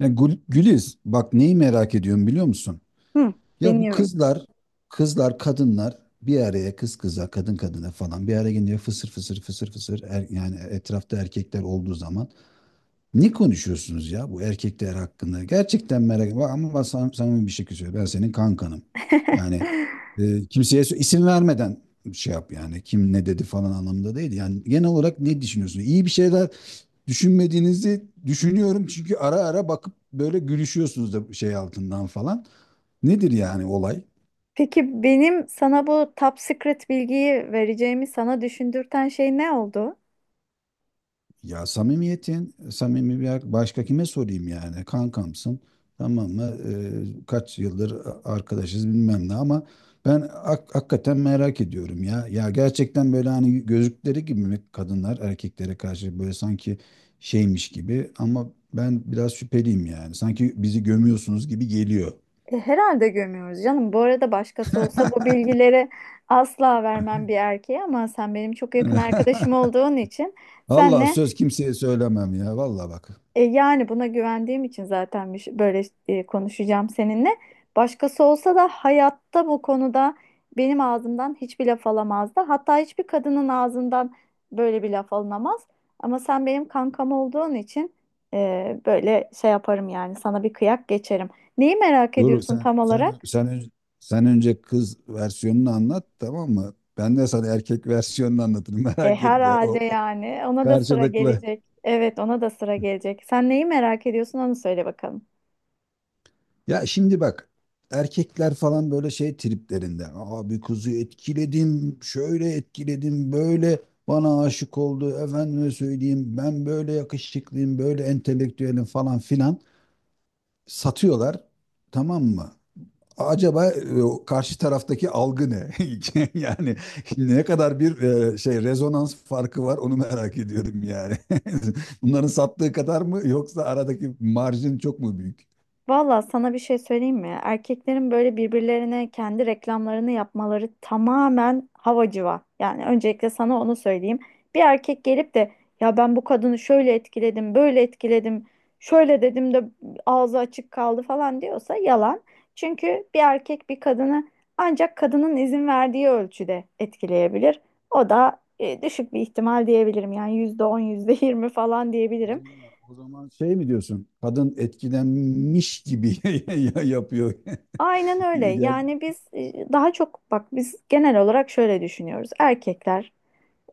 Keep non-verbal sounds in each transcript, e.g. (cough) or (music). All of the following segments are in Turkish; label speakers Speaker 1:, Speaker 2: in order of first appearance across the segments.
Speaker 1: Ya Güliz, bak neyi merak ediyorum biliyor musun?
Speaker 2: Hı,
Speaker 1: Ya bu
Speaker 2: dinliyorum.
Speaker 1: kızlar, kadınlar bir araya kız kıza, kadın kadına falan bir araya gelince fısır fısır fısır fısır yani etrafta erkekler olduğu zaman ne konuşuyorsunuz ya bu erkekler hakkında? Gerçekten merak ediyorum. Ama ben samimi bir şey söylüyorum. Ben senin kankanım. Yani
Speaker 2: (laughs)
Speaker 1: kimseye isim vermeden şey yap yani. Kim ne dedi falan anlamında değil. Yani genel olarak ne düşünüyorsunuz? İyi bir şeyler düşünmediğinizi düşünüyorum. Çünkü ara ara bakıp böyle gülüşüyorsunuz da şey altından falan. Nedir yani olay?
Speaker 2: Peki benim sana bu top secret bilgiyi vereceğimi sana düşündürten şey ne oldu?
Speaker 1: Ya samimiyetin, samimi bir başka kime sorayım yani? Kankamsın, tamam mı? Kaç yıldır arkadaşız bilmem ne ama ben hakikaten merak ediyorum ya. Ya gerçekten böyle hani gözlükleri gibi mi kadınlar erkeklere karşı böyle sanki şeymiş gibi ama ben biraz şüpheliyim yani. Sanki bizi gömüyorsunuz gibi geliyor.
Speaker 2: Herhalde gömüyoruz canım. Bu arada başkası olsa bu
Speaker 1: (laughs)
Speaker 2: bilgileri asla vermem bir erkeğe, ama sen benim çok yakın arkadaşım
Speaker 1: (laughs)
Speaker 2: olduğun için
Speaker 1: Allah
Speaker 2: senle.
Speaker 1: söz kimseye söylemem ya. Vallahi bak.
Speaker 2: Yani buna güvendiğim için zaten böyle konuşacağım seninle. Başkası olsa da hayatta bu konuda benim ağzımdan hiçbir laf alamazdı. Hatta hiçbir kadının ağzından böyle bir laf alınamaz. Ama sen benim kankam olduğun için böyle şey yaparım yani, sana bir kıyak geçerim. Neyi merak
Speaker 1: Dur
Speaker 2: ediyorsun
Speaker 1: sen
Speaker 2: tam olarak?
Speaker 1: sen sen önce, sen önce kız versiyonunu anlat, tamam mı? Ben de sana erkek versiyonunu anlatırım, (laughs)
Speaker 2: E,
Speaker 1: merak etme. O,
Speaker 2: herhalde
Speaker 1: o
Speaker 2: yani ona da sıra
Speaker 1: karşılıklı.
Speaker 2: gelecek. Evet, ona da sıra gelecek. Sen neyi merak ediyorsun onu söyle bakalım.
Speaker 1: Ya şimdi bak, erkekler falan böyle şey triplerinde. Abi kızı etkiledim, şöyle etkiledim, böyle bana aşık oldu. Efendime söyleyeyim, ben böyle yakışıklıyım, böyle entelektüelim falan filan satıyorlar. Tamam mı? Acaba karşı taraftaki algı ne? (laughs) Yani ne kadar bir şey rezonans farkı var, onu merak ediyorum yani. (laughs) Bunların sattığı kadar mı, yoksa aradaki marjin çok mu büyük?
Speaker 2: Valla sana bir şey söyleyeyim mi? Erkeklerin böyle birbirlerine kendi reklamlarını yapmaları tamamen havacıva. Yani öncelikle sana onu söyleyeyim. Bir erkek gelip de "ya ben bu kadını şöyle etkiledim, böyle etkiledim, şöyle dedim de ağzı açık kaldı" falan diyorsa yalan. Çünkü bir erkek bir kadını ancak kadının izin verdiği ölçüde etkileyebilir. O da düşük bir ihtimal, diyebilirim. Yani %10, yüzde yirmi falan
Speaker 1: O
Speaker 2: diyebilirim.
Speaker 1: zaman, o zaman şey mi diyorsun? Kadın etkilenmiş gibi (laughs) ya yapıyor.
Speaker 2: Aynen
Speaker 1: (laughs)
Speaker 2: öyle.
Speaker 1: Gel.
Speaker 2: Yani biz daha çok, bak, biz genel olarak şöyle düşünüyoruz. Erkekler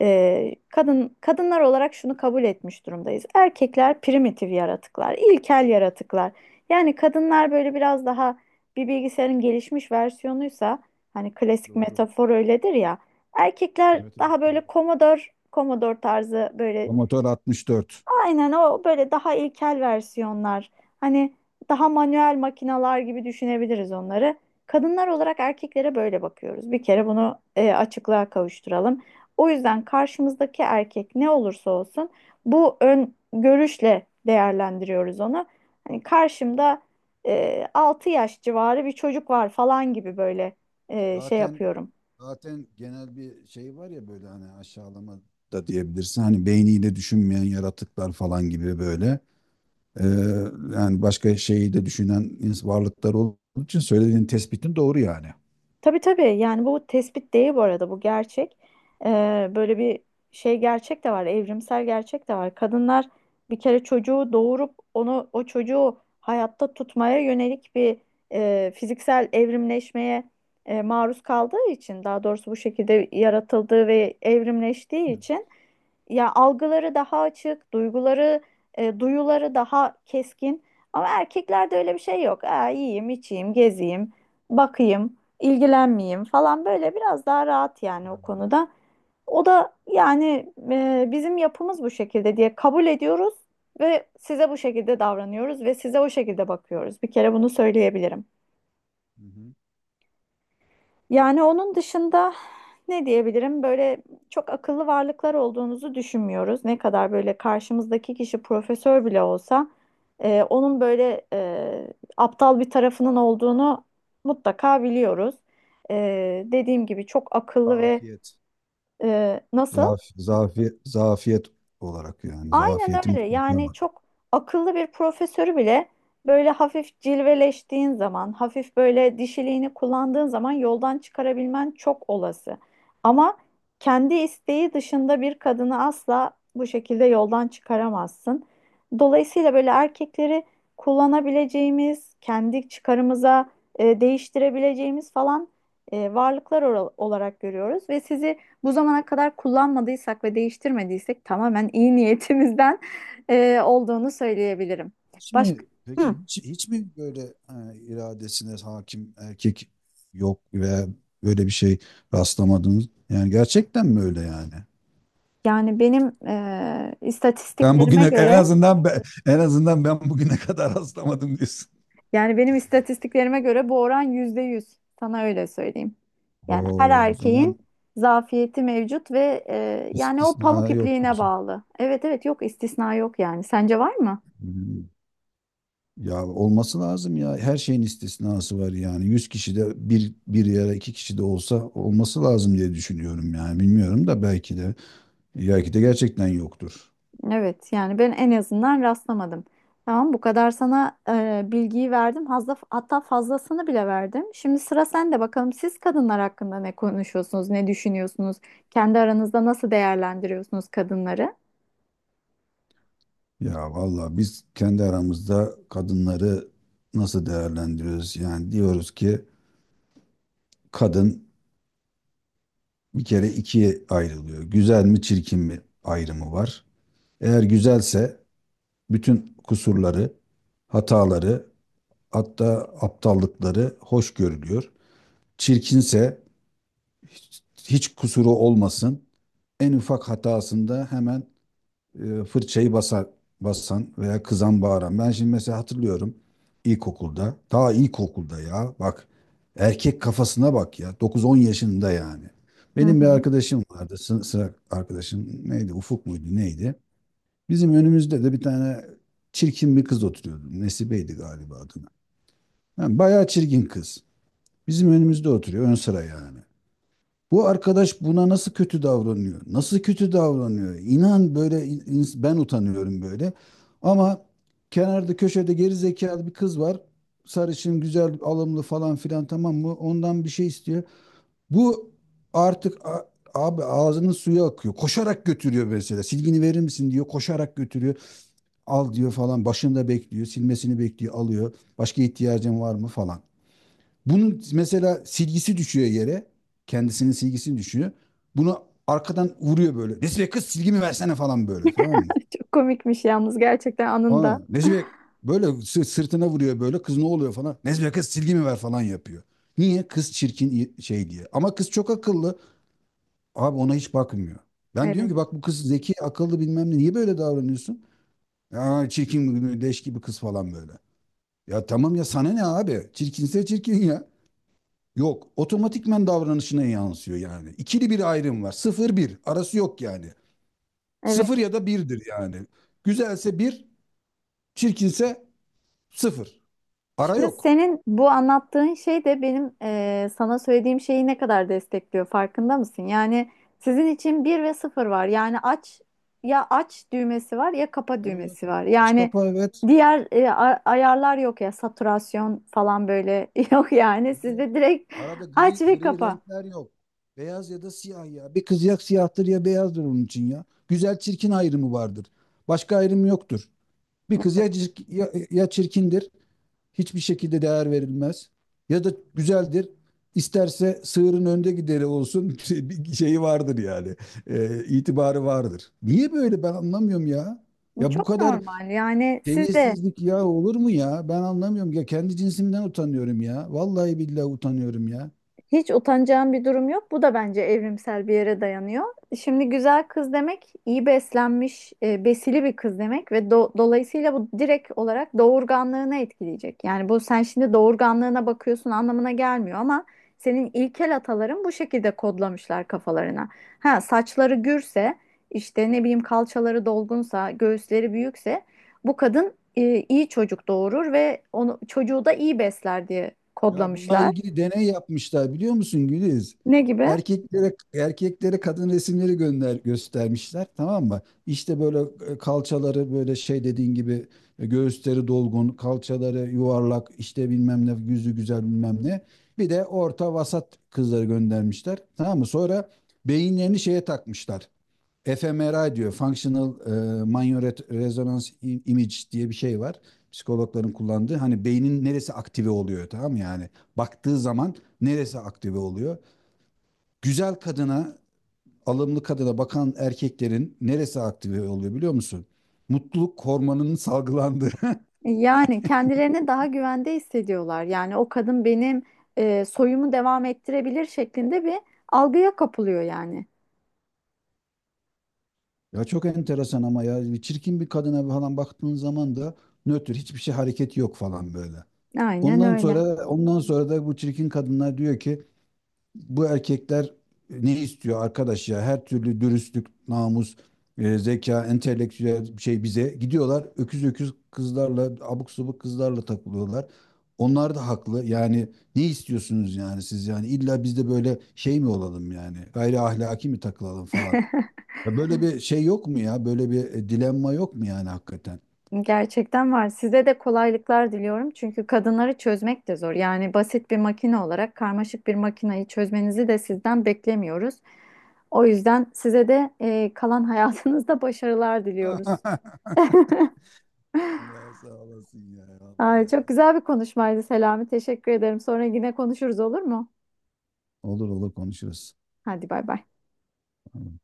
Speaker 2: kadınlar olarak şunu kabul etmiş durumdayız: erkekler primitif yaratıklar, ilkel yaratıklar. Yani kadınlar böyle biraz daha bir bilgisayarın gelişmiş versiyonuysa, hani klasik
Speaker 1: Doğru.
Speaker 2: metafor öyledir ya, erkekler
Speaker 1: Evet, evet,
Speaker 2: daha böyle
Speaker 1: doğru.
Speaker 2: Commodore tarzı böyle.
Speaker 1: Promotör 64.
Speaker 2: Aynen o, böyle daha ilkel versiyonlar. Hani daha manuel makinalar gibi düşünebiliriz onları. Kadınlar olarak erkeklere böyle bakıyoruz. Bir kere bunu açıklığa kavuşturalım. O yüzden karşımızdaki erkek ne olursa olsun bu ön görüşle değerlendiriyoruz onu. Hani karşımda 6 yaş civarı bir çocuk var falan gibi böyle şey
Speaker 1: Zaten
Speaker 2: yapıyorum.
Speaker 1: zaten genel bir şey var ya, böyle hani aşağılama da diyebilirsin. Hani beyniyle düşünmeyen yaratıklar falan gibi böyle. Ee, Yani başka şeyi de düşünen varlıklar olduğu için söylediğin tespitin doğru yani.
Speaker 2: Tabii tabii, yani bu tespit değil bu arada, bu gerçek. Böyle bir şey, gerçek de var, evrimsel gerçek de var. Kadınlar bir kere çocuğu doğurup onu, o çocuğu hayatta tutmaya yönelik bir fiziksel evrimleşmeye maruz kaldığı için, daha doğrusu bu şekilde yaratıldığı ve evrimleştiği için, ya, algıları daha açık, duyguları, duyuları daha keskin. Ama erkeklerde öyle bir şey yok. Aa, yiyeyim, içeyim, gezeyim, bakayım, ilgilenmeyeyim falan, böyle biraz daha rahat yani o konuda. O da, yani, bizim yapımız bu şekilde diye kabul ediyoruz ve size bu şekilde davranıyoruz ve size o şekilde bakıyoruz. Bir kere bunu söyleyebilirim.
Speaker 1: Hı-hı.
Speaker 2: Yani onun dışında ne diyebilirim? Böyle çok akıllı varlıklar olduğunuzu düşünmüyoruz. Ne kadar böyle karşımızdaki kişi profesör bile olsa onun böyle aptal bir tarafının olduğunu mutlaka biliyoruz. Dediğim gibi çok akıllı ve
Speaker 1: Zafiyet.
Speaker 2: Nasıl?
Speaker 1: Zafiyet olarak yani,
Speaker 2: Aynen
Speaker 1: zafiyetin
Speaker 2: öyle.
Speaker 1: mutlaka
Speaker 2: Yani
Speaker 1: var.
Speaker 2: çok akıllı bir profesörü bile böyle hafif cilveleştiğin zaman, hafif böyle dişiliğini kullandığın zaman yoldan çıkarabilmen çok olası. Ama kendi isteği dışında bir kadını asla bu şekilde yoldan çıkaramazsın. Dolayısıyla böyle erkekleri kullanabileceğimiz, kendi çıkarımıza değiştirebileceğimiz falan varlıklar olarak görüyoruz ve sizi bu zamana kadar kullanmadıysak ve değiştirmediysek tamamen iyi niyetimizden (laughs) olduğunu söyleyebilirim.
Speaker 1: Hiç mi
Speaker 2: Başka. Hı.
Speaker 1: peki, hiç mi böyle iradesine hakim erkek yok ve böyle bir şey rastlamadınız? Yani gerçekten mi öyle yani?
Speaker 2: yani benim e,
Speaker 1: Ben bugüne
Speaker 2: istatistiklerime
Speaker 1: en
Speaker 2: göre
Speaker 1: azından, en azından ben bugüne kadar (laughs) rastlamadım diyorsun.
Speaker 2: yani benim istatistiklerime göre bu oran %100. Sana öyle söyleyeyim. Yani her
Speaker 1: Oo, o zaman.
Speaker 2: erkeğin zafiyeti mevcut ve yani o
Speaker 1: İstisna
Speaker 2: pamuk
Speaker 1: yok
Speaker 2: ipliğine
Speaker 1: diyorsun.
Speaker 2: bağlı. Evet evet, yok, istisna yok yani. Sence var mı?
Speaker 1: Hmm. Ya olması lazım ya. Her şeyin istisnası var yani. 100 kişi de bir, bir yere 2 kişi de olsa olması lazım diye düşünüyorum yani. Bilmiyorum da, belki de gerçekten yoktur.
Speaker 2: Evet, yani ben en azından rastlamadım. Tamam, bu kadar sana bilgiyi verdim. Fazla, hatta fazlasını bile verdim. Şimdi sıra sende bakalım, siz kadınlar hakkında ne konuşuyorsunuz, ne düşünüyorsunuz? Kendi aranızda nasıl değerlendiriyorsunuz kadınları?
Speaker 1: Ya valla biz kendi aramızda kadınları nasıl değerlendiriyoruz? Yani diyoruz ki kadın bir kere ikiye ayrılıyor. Güzel mi çirkin mi ayrımı var. Eğer güzelse bütün kusurları, hataları, hatta aptallıkları hoş görülüyor. Çirkinse hiç, hiç kusuru olmasın. En ufak hatasında hemen fırçayı basar, basan veya kızan, bağıran. Ben şimdi mesela hatırlıyorum ilkokulda. Ta ilkokulda, ya bak erkek kafasına bak ya, 9-10 yaşında yani.
Speaker 2: Hı
Speaker 1: Benim bir
Speaker 2: hı.
Speaker 1: arkadaşım vardı. Sıra arkadaşım neydi? Ufuk muydu? Neydi? Bizim önümüzde de bir tane çirkin bir kız oturuyordu. Nesibe'ydi galiba adına. Yani bayağı çirkin kız. Bizim önümüzde oturuyor, ön sıra yani. Bu arkadaş buna nasıl kötü davranıyor? Nasıl kötü davranıyor? İnan böyle, ben utanıyorum böyle. Ama kenarda köşede geri zekalı bir kız var. Sarışın, güzel, alımlı falan filan, tamam mı? Ondan bir şey istiyor. Bu artık, abi ağzının suyu akıyor. Koşarak götürüyor mesela. Silgini verir misin diyor. Koşarak götürüyor. Al diyor falan. Başında bekliyor. Silmesini bekliyor. Alıyor. Başka ihtiyacın var mı falan. Bunun mesela silgisi düşüyor yere. Kendisinin silgisini düşüyor. Bunu arkadan vuruyor böyle. Nesibe kız, silgimi versene falan böyle, tamam mı?
Speaker 2: Çok komikmiş yalnız, gerçekten,
Speaker 1: Aa,
Speaker 2: anında.
Speaker 1: Nesibe böyle sırtına vuruyor böyle. Kız, ne oluyor falan. Nesibe kız, silgimi ver falan yapıyor. Niye? Kız çirkin şey diye. Ama kız çok akıllı. Abi ona hiç bakmıyor. Ben diyorum
Speaker 2: Evet.
Speaker 1: ki bak, bu kız zeki, akıllı bilmem ne. Niye böyle davranıyorsun? Ya çirkin, leş gibi kız falan böyle. Ya tamam ya, sana ne abi? Çirkinse çirkin ya. Yok, otomatikmen davranışına yansıyor yani. İkili bir ayrım var. Sıfır bir. Arası yok yani.
Speaker 2: Evet.
Speaker 1: Sıfır ya da birdir yani. Güzelse bir, çirkinse sıfır. Ara
Speaker 2: Şimdi
Speaker 1: yok.
Speaker 2: senin bu anlattığın şey de benim sana söylediğim şeyi ne kadar destekliyor farkında mısın? Yani sizin için bir ve sıfır var. Yani aç, ya aç düğmesi var ya kapa
Speaker 1: Evet.
Speaker 2: düğmesi var.
Speaker 1: Aç
Speaker 2: Yani
Speaker 1: kapa, evet.
Speaker 2: diğer ayarlar yok, ya saturasyon falan böyle (laughs) yok yani.
Speaker 1: Evet.
Speaker 2: Sizde direkt
Speaker 1: Arada
Speaker 2: aç
Speaker 1: gri,
Speaker 2: ve
Speaker 1: gri
Speaker 2: kapa.
Speaker 1: renkler yok. Beyaz ya da siyah ya. Bir kız ya siyahtır ya beyazdır onun için ya. Güzel çirkin ayrımı vardır. Başka ayrım yoktur. Bir kız ya,
Speaker 2: Evet.
Speaker 1: cirk- ya, ya çirkindir, hiçbir şekilde değer verilmez. Ya da güzeldir. İsterse sığırın önde gideri olsun, (laughs) bir şeyi vardır yani. İtibarı vardır. Niye böyle, ben anlamıyorum ya. Ya bu
Speaker 2: Çok
Speaker 1: kadar
Speaker 2: normal yani, siz de.
Speaker 1: seviyesizlik ya, olur mu ya? Ben anlamıyorum ya. Kendi cinsimden utanıyorum ya. Vallahi billahi utanıyorum ya.
Speaker 2: Hiç utanacağım bir durum yok. Bu da bence evrimsel bir yere dayanıyor. Şimdi güzel kız demek iyi beslenmiş, besili bir kız demek ve dolayısıyla bu direkt olarak doğurganlığını etkileyecek. Yani bu, sen şimdi doğurganlığına bakıyorsun anlamına gelmiyor, ama senin ilkel ataların bu şekilde kodlamışlar kafalarına. Ha, saçları gürse, işte ne bileyim, kalçaları dolgunsa, göğüsleri büyükse bu kadın iyi çocuk doğurur ve onu, çocuğu da iyi besler diye
Speaker 1: Ya bununla
Speaker 2: kodlamışlar.
Speaker 1: ilgili deney yapmışlar, biliyor musun Güliz?
Speaker 2: Ne gibi?
Speaker 1: Erkeklere kadın resimleri göstermişler, tamam mı? İşte böyle kalçaları böyle şey dediğin gibi, göğüsleri dolgun, kalçaları yuvarlak, işte bilmem ne, yüzü güzel bilmem ne. Bir de orta vasat kızları göndermişler. Tamam mı? Sonra beyinlerini şeye takmışlar, fMRI diyor. Functional Magnetic Resonance Image diye bir şey var. Psikologların kullandığı. Hani beynin neresi aktive oluyor, tamam yani. Baktığı zaman neresi aktive oluyor? Güzel kadına, alımlı kadına bakan erkeklerin neresi aktive oluyor, biliyor musun? Mutluluk hormonunun salgılandığı. (laughs)
Speaker 2: Yani kendilerine daha güvende hissediyorlar. Yani o kadın benim soyumu devam ettirebilir şeklinde bir algıya kapılıyor yani.
Speaker 1: Ya çok enteresan ama ya, bir çirkin bir kadına falan baktığın zaman da nötr, hiçbir şey, hareket yok falan böyle.
Speaker 2: Aynen
Speaker 1: Ondan
Speaker 2: öyle.
Speaker 1: sonra ondan sonra da bu çirkin kadınlar diyor ki, bu erkekler ne istiyor arkadaş ya? Her türlü dürüstlük, namus, zeka, entelektüel şey, bize gidiyorlar. Öküz öküz kızlarla, abuk subuk kızlarla takılıyorlar. Onlar da haklı. Yani ne istiyorsunuz yani siz, yani illa biz de böyle şey mi olalım yani? Gayri ahlaki mi takılalım falan?
Speaker 2: (laughs)
Speaker 1: Ya böyle bir şey yok mu ya? Böyle bir dilemma yok mu yani hakikaten?
Speaker 2: Gerçekten var. Size de kolaylıklar diliyorum. Çünkü kadınları çözmek de zor. Yani basit bir makine olarak karmaşık bir makineyi çözmenizi de sizden beklemiyoruz. O yüzden size de kalan (laughs) hayatınızda başarılar diliyoruz.
Speaker 1: (laughs) Allah sağ olasın ya,
Speaker 2: Ay,
Speaker 1: vallahi
Speaker 2: çok
Speaker 1: ya.
Speaker 2: güzel bir konuşmaydı Selami. Teşekkür ederim. Sonra yine konuşuruz, olur mu?
Speaker 1: Olur olur konuşuruz.
Speaker 2: Hadi bay bay.
Speaker 1: Tamam.